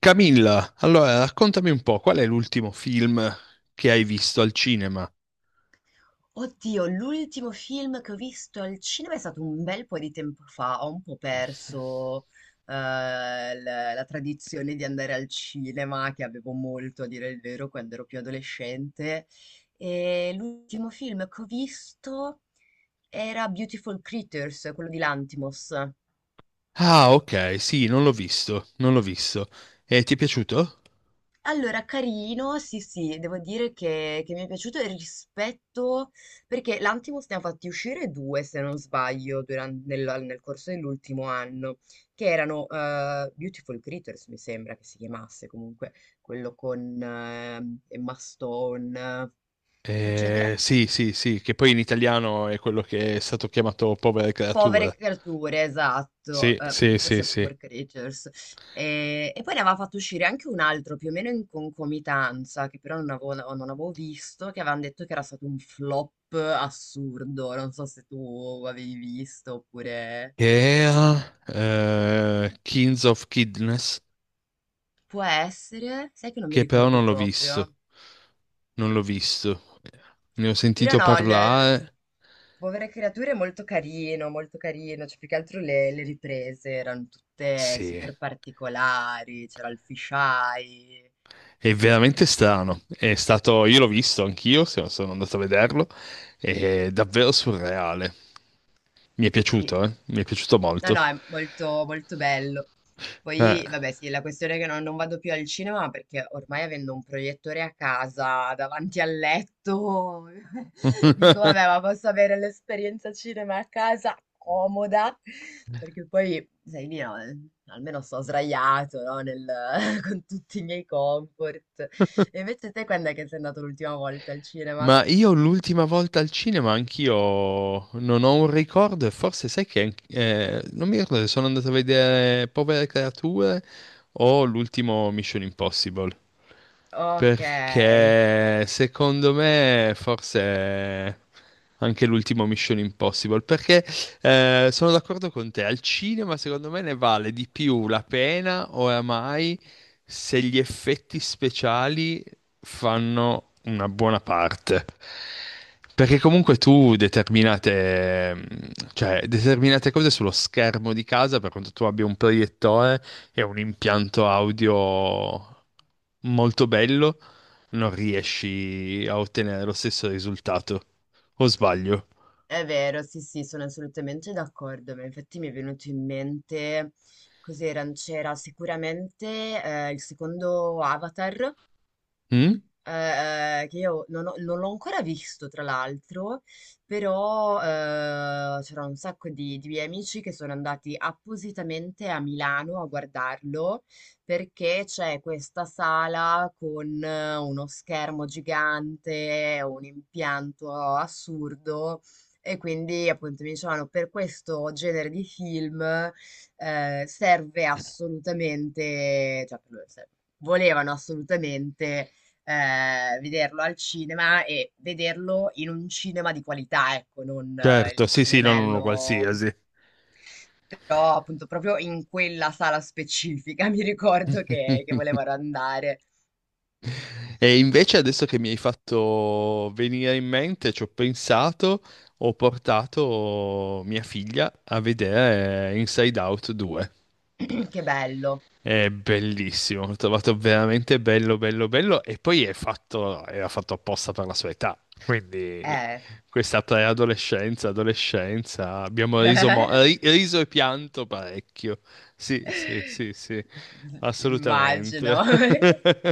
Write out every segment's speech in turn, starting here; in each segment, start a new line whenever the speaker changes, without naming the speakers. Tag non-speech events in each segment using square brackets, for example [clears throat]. Camilla, allora raccontami un po', qual è l'ultimo film che hai visto al cinema?
Oddio, l'ultimo film che ho visto al cinema è stato un bel po' di tempo fa, ho un po' perso la tradizione di andare al cinema, che avevo molto a dire il vero quando ero più adolescente. E l'ultimo film che ho visto era Beautiful Creatures, quello di Lantimos.
Ah, ok, sì, non l'ho visto, non l'ho visto. E ti è piaciuto?
Allora, carino, sì, sì, devo dire che mi è piaciuto il rispetto, perché l'Antimos ne ha fatti uscire due, se non sbaglio, nel corso dell'ultimo anno, che erano Beautiful Creatures, mi sembra che si chiamasse comunque, quello con Emma Stone, eccetera,
Sì, sì, sì, che poi in italiano è quello che è stato chiamato Povere
Povere
creature.
creature, esatto,
Sì, sì, sì,
forse
sì.
Poor Creatures. E poi ne aveva fatto uscire anche un altro più o meno in concomitanza, che però non avevo visto, che avevano detto che era stato un flop assurdo. Non so se tu avevi visto oppure.
Che era Kings of Kidness,
Può essere, sai che non mi
che però
ricordo
non l'ho
proprio.
visto. Non l'ho visto. Ne ho
Però
sentito
no,
parlare.
Povere creature è molto carino, cioè più che altro le riprese erano tutte
Sì.
super particolari, c'era il fisheye.
È veramente strano. È stato, io l'ho visto anch'io, no sono andato a vederlo. È davvero surreale. Mi è
Sì.
piaciuto, eh? Mi è piaciuto
No,
molto.
no, è molto, molto bello.
Eh.
Poi, vabbè, sì, la questione è che non vado più al cinema perché ormai avendo un proiettore a casa davanti al letto, [laughs] dico, vabbè,
[laughs]
ma posso avere l'esperienza cinema a casa comoda, perché poi, sai, lì, no, almeno sto sdraiato, no, [laughs] con tutti i miei comfort. E invece te quando è che sei andato l'ultima volta al cinema?
Ma io l'ultima volta al cinema anch'io non ho un ricordo e forse sai che non mi ricordo se sono andato a vedere Povere Creature o l'ultimo Mission Impossible.
Ok.
Perché secondo me forse anche l'ultimo Mission Impossible. Perché sono d'accordo con te, al cinema secondo me ne vale di più la pena oramai se gli effetti speciali fanno una buona parte. Perché comunque tu determinate, cioè, determinate cose sullo schermo di casa, per quanto tu abbia un proiettore e un impianto audio molto bello, non riesci a ottenere lo stesso risultato. O sbaglio?
È vero, sì, sì, sono assolutamente d'accordo, ma infatti mi è venuto in mente, cos'era, c'era sicuramente il secondo Avatar,
Mm?
che io non l'ho ancora visto tra l'altro, però, c'era un sacco di miei amici che sono andati appositamente a Milano a guardarlo, perché c'è questa sala con uno schermo gigante, un impianto assurdo e quindi appunto mi dicevano per questo genere di film, serve assolutamente, cioè per loro volevano assolutamente vederlo al cinema e vederlo in un cinema di qualità, ecco, non
Certo,
il
sì, sì, non uno
cinemello
qualsiasi.
però appunto proprio in quella sala specifica [laughs] mi ricordo che volevano
[laughs]
andare.
E invece adesso che mi hai fatto venire in mente, ci ho pensato, ho portato mia figlia a vedere Inside Out 2.
[clears throat] Che bello.
È bellissimo, l'ho trovato veramente bello, bello, bello e poi è fatto, era fatto apposta per la sua età, quindi
Eh,
questa preadolescenza, adolescenza, abbiamo riso, riso e pianto parecchio, sì, sì, sì, sì,
immagino.
assolutamente.
[laughs]
[laughs]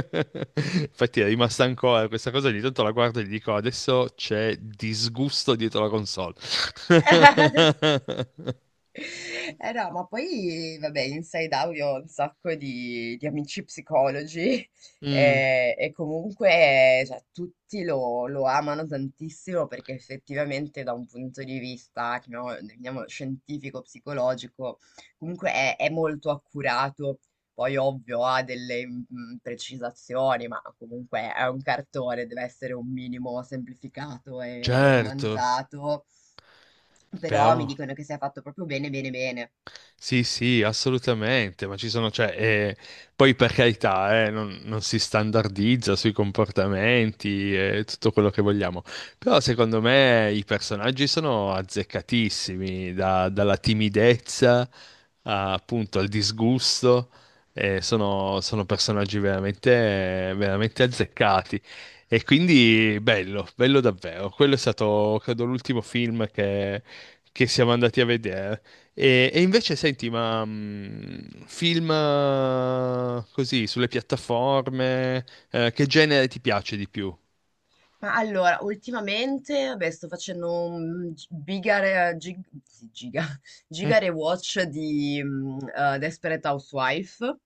Infatti è rimasta ancora questa cosa, ogni tanto la guardo e gli dico adesso c'è disgusto dietro la console. [laughs]
Eh no, ma poi vabbè, Inside Out io ho un sacco di amici psicologi
Mm,
e comunque cioè, tutti lo amano tantissimo perché effettivamente da un punto di vista, chiamiamolo, definiamolo scientifico, psicologico, comunque è molto accurato. Poi ovvio ha delle precisazioni, ma comunque è un cartone, deve essere un minimo semplificato e
certo,
romanzato. Però mi
però...
dicono che sia fatto proprio bene, bene, bene.
Sì, sì, assolutamente, ma ci sono, cioè, poi per carità, non, non si standardizza sui comportamenti e tutto quello che vogliamo, però secondo me i personaggi sono azzeccatissimi, dalla timidezza a, appunto al disgusto, sono, sono personaggi veramente, veramente azzeccati e quindi bello, bello davvero, quello è stato, credo, l'ultimo film che siamo andati a vedere. E invece, senti, ma film così sulle piattaforme, che genere ti piace di più?
Ma allora, ultimamente, vabbè, sto facendo un gi- bigare, gig, sì, giga, [laughs]
Mm,
gigare watch di Desperate Housewife.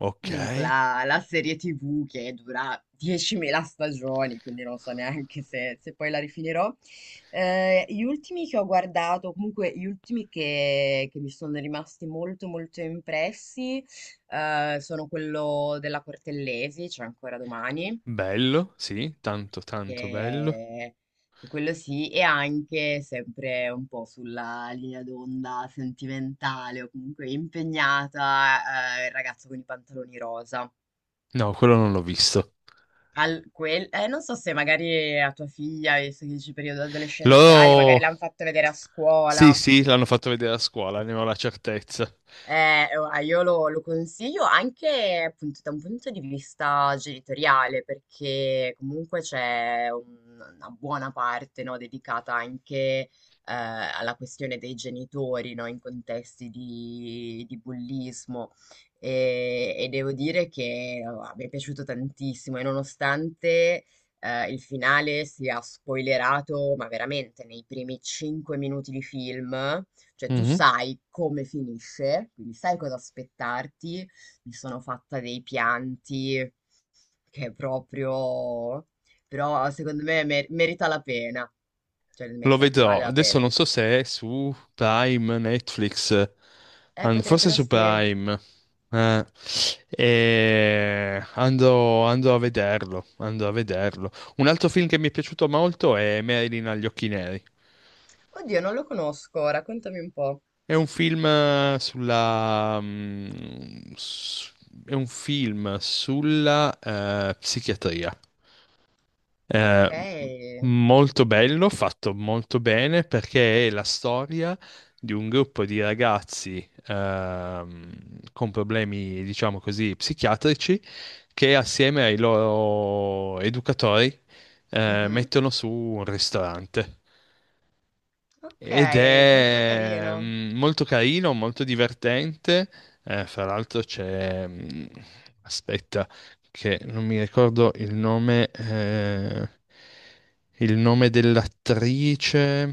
ok,
Comunque la serie TV che dura 10.000 stagioni, quindi non so neanche se poi la rifinirò. Gli ultimi che ho guardato, comunque gli ultimi che mi sono rimasti molto molto impressi, sono quello della Cortellesi, cioè ancora domani,
bello, sì, tanto, tanto bello.
che, che quello sì, e anche sempre un po' sulla linea d'onda sentimentale o comunque impegnata, il ragazzo con i pantaloni rosa.
No, quello non l'ho visto.
Al quel Non so se magari a tua figlia, visto che dici periodo adolescenziale, magari
L'ho...
l'han fatto vedere a
Sì,
scuola.
sì, l'hanno fatto vedere a scuola, ne ho la certezza.
Ora, io lo consiglio anche appunto da un punto di vista genitoriale, perché comunque c'è una buona parte, no, dedicata anche alla questione dei genitori, no, in contesti di bullismo. E devo dire che mi è piaciuto tantissimo, e nonostante il finale sia spoilerato, ma veramente nei primi 5 minuti di film. Cioè, tu
Mhm.
sai come finisce, quindi sai cosa aspettarti. Mi sono fatta dei pianti che è proprio. Però secondo me merita la pena. Cioè,
Lo
merita, vale
vedrò.
la
Adesso
pena.
non so se è su Prime, Netflix, forse
Potrebbero
su
sì.
Prime. Eh, e andrò, andrò a vederlo, andrò a vederlo. Un altro film che mi è piaciuto molto è Marilyn agli occhi neri.
Oddio, non lo conosco, raccontami un po'.
È un film sulla... È un film sulla psichiatria.
Ok.
Eh, molto bello, fatto molto bene perché è la storia di un gruppo di ragazzi con problemi, diciamo così, psichiatrici che assieme ai loro educatori
Mhm.
mettono su un ristorante.
Ok,
Ed
molto
è
carino.
molto carino, molto divertente. Fra l'altro c'è... Aspetta, che non mi ricordo il nome dell'attrice.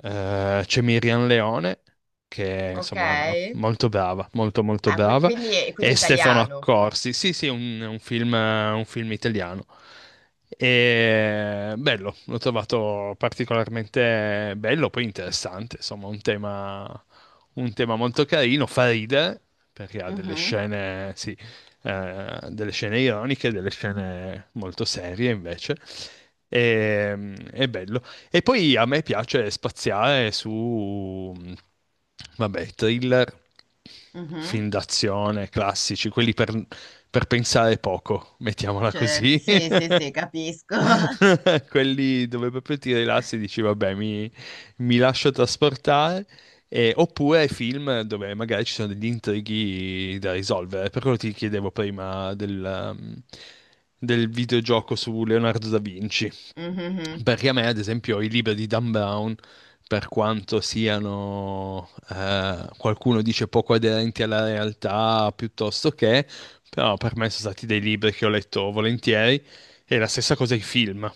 C'è Miriam Leone, che è
Ok.
insomma molto brava, molto
Ah,
brava,
quindi
e Stefano
italiano.
Accorsi. Sì, sì, un film italiano. E bello, l'ho trovato particolarmente bello, poi interessante, insomma, un tema molto carino, fa ridere, perché ha delle
Mhm,
scene, sì, delle scene ironiche, delle scene molto serie invece. E, è bello. E poi a me piace spaziare su, vabbè, thriller,
mhm.
film d'azione, classici, quelli per pensare poco, mettiamola
Certo,
così.
sì, sì, sì,
[laughs]
capisco. [laughs]
Quelli dove proprio ti rilassi e dici, vabbè, mi lascio trasportare. Oppure film dove magari ci sono degli intrighi da risolvere. Per quello ti chiedevo prima del, del videogioco su Leonardo da Vinci.
Mhm.
Perché a me, ad esempio, i libri di Dan Brown, per quanto siano, qualcuno dice poco aderenti alla realtà, piuttosto che, però per me sono stati dei libri che ho letto volentieri, e la stessa cosa i film.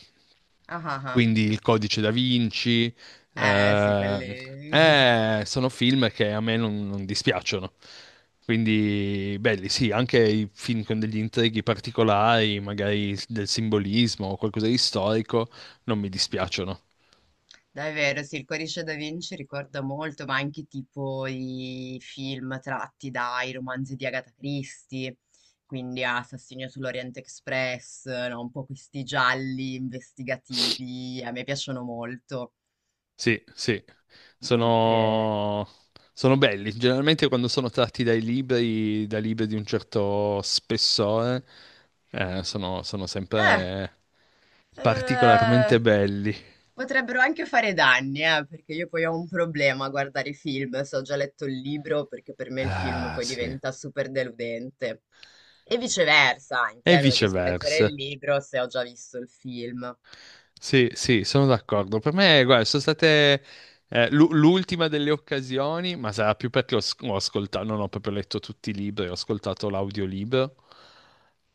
Ah, ah,
Quindi Il Codice da Vinci,
ah. Eh sì,
eh,
quelli. [laughs]
sono film che a me non, non dispiacciono. Quindi belli, sì, anche i film con degli intrighi particolari, magari del simbolismo o qualcosa di storico, non mi dispiacciono.
Davvero, sì, il Codice da Vinci ricorda molto, ma anche tipo i film tratti dai romanzi di Agatha Christie, quindi Assassino sull'Oriente Express, no? Un po' questi gialli investigativi, a me piacciono molto.
Sì, sì,
Mentre.
sono, sono belli. Generalmente quando sono tratti dai libri, da libri di un certo spessore, sono
Eh,
sempre
eh,
particolarmente belli.
Potrebbero anche fare danni, perché io poi ho un problema a guardare i film, se ho già letto il libro, perché per me il film
Ah,
poi
sì.
diventa super deludente. E viceversa, anche,
E
non riesco a leggere
viceversa.
il libro se ho già visto il film.
Sì, sì, sono d'accordo. Per me, guarda, sono state l'ultima delle occasioni, ma sarà più perché ho, ho ascoltato, non ho proprio letto tutti i libri, ho ascoltato l'audiolibro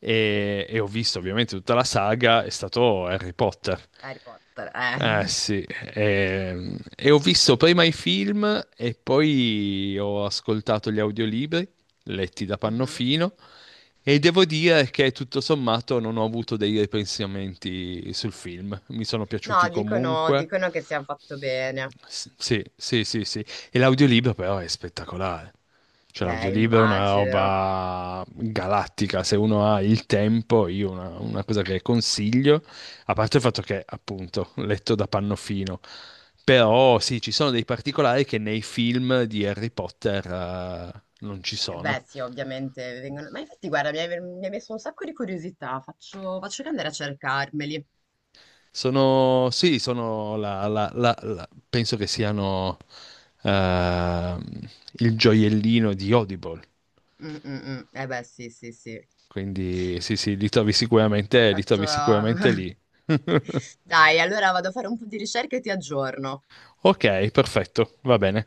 e ho visto ovviamente tutta la saga, è stato Harry Potter.
Harry Potter, eh.
Eh
[laughs]
sì, e, ho visto prima i film e poi ho ascoltato gli audiolibri letti da
Mhm.
Pannofino e devo dire che tutto sommato non ho avuto dei ripensamenti sul film, mi sono piaciuti
No, dicono,
comunque.
dicono che sia fatto bene.
Sì, sì, sì, sì. E l'audiolibro però è spettacolare. Cioè l'audiolibro è una
Immagino.
roba galattica, se uno ha il tempo, io una cosa che consiglio, a parte il fatto che appunto letto da Pannofino, però sì, ci sono dei particolari che nei film di Harry Potter non ci sono.
Beh, sì, ovviamente vengono. Ma infatti, guarda, mi hai messo un sacco di curiosità. Faccio che andare a cercarmeli.
Sono, sì, sono penso che siano ehm, il gioiellino di Audible.
Mm, mm, mm. Eh beh, sì, sì, sì.
Quindi sì, sì, li
Faccio.
trovi sicuramente
[laughs]
lì. [laughs]
Dai, allora vado a fare un po' di ricerca e ti aggiorno.
Ok, perfetto, va bene.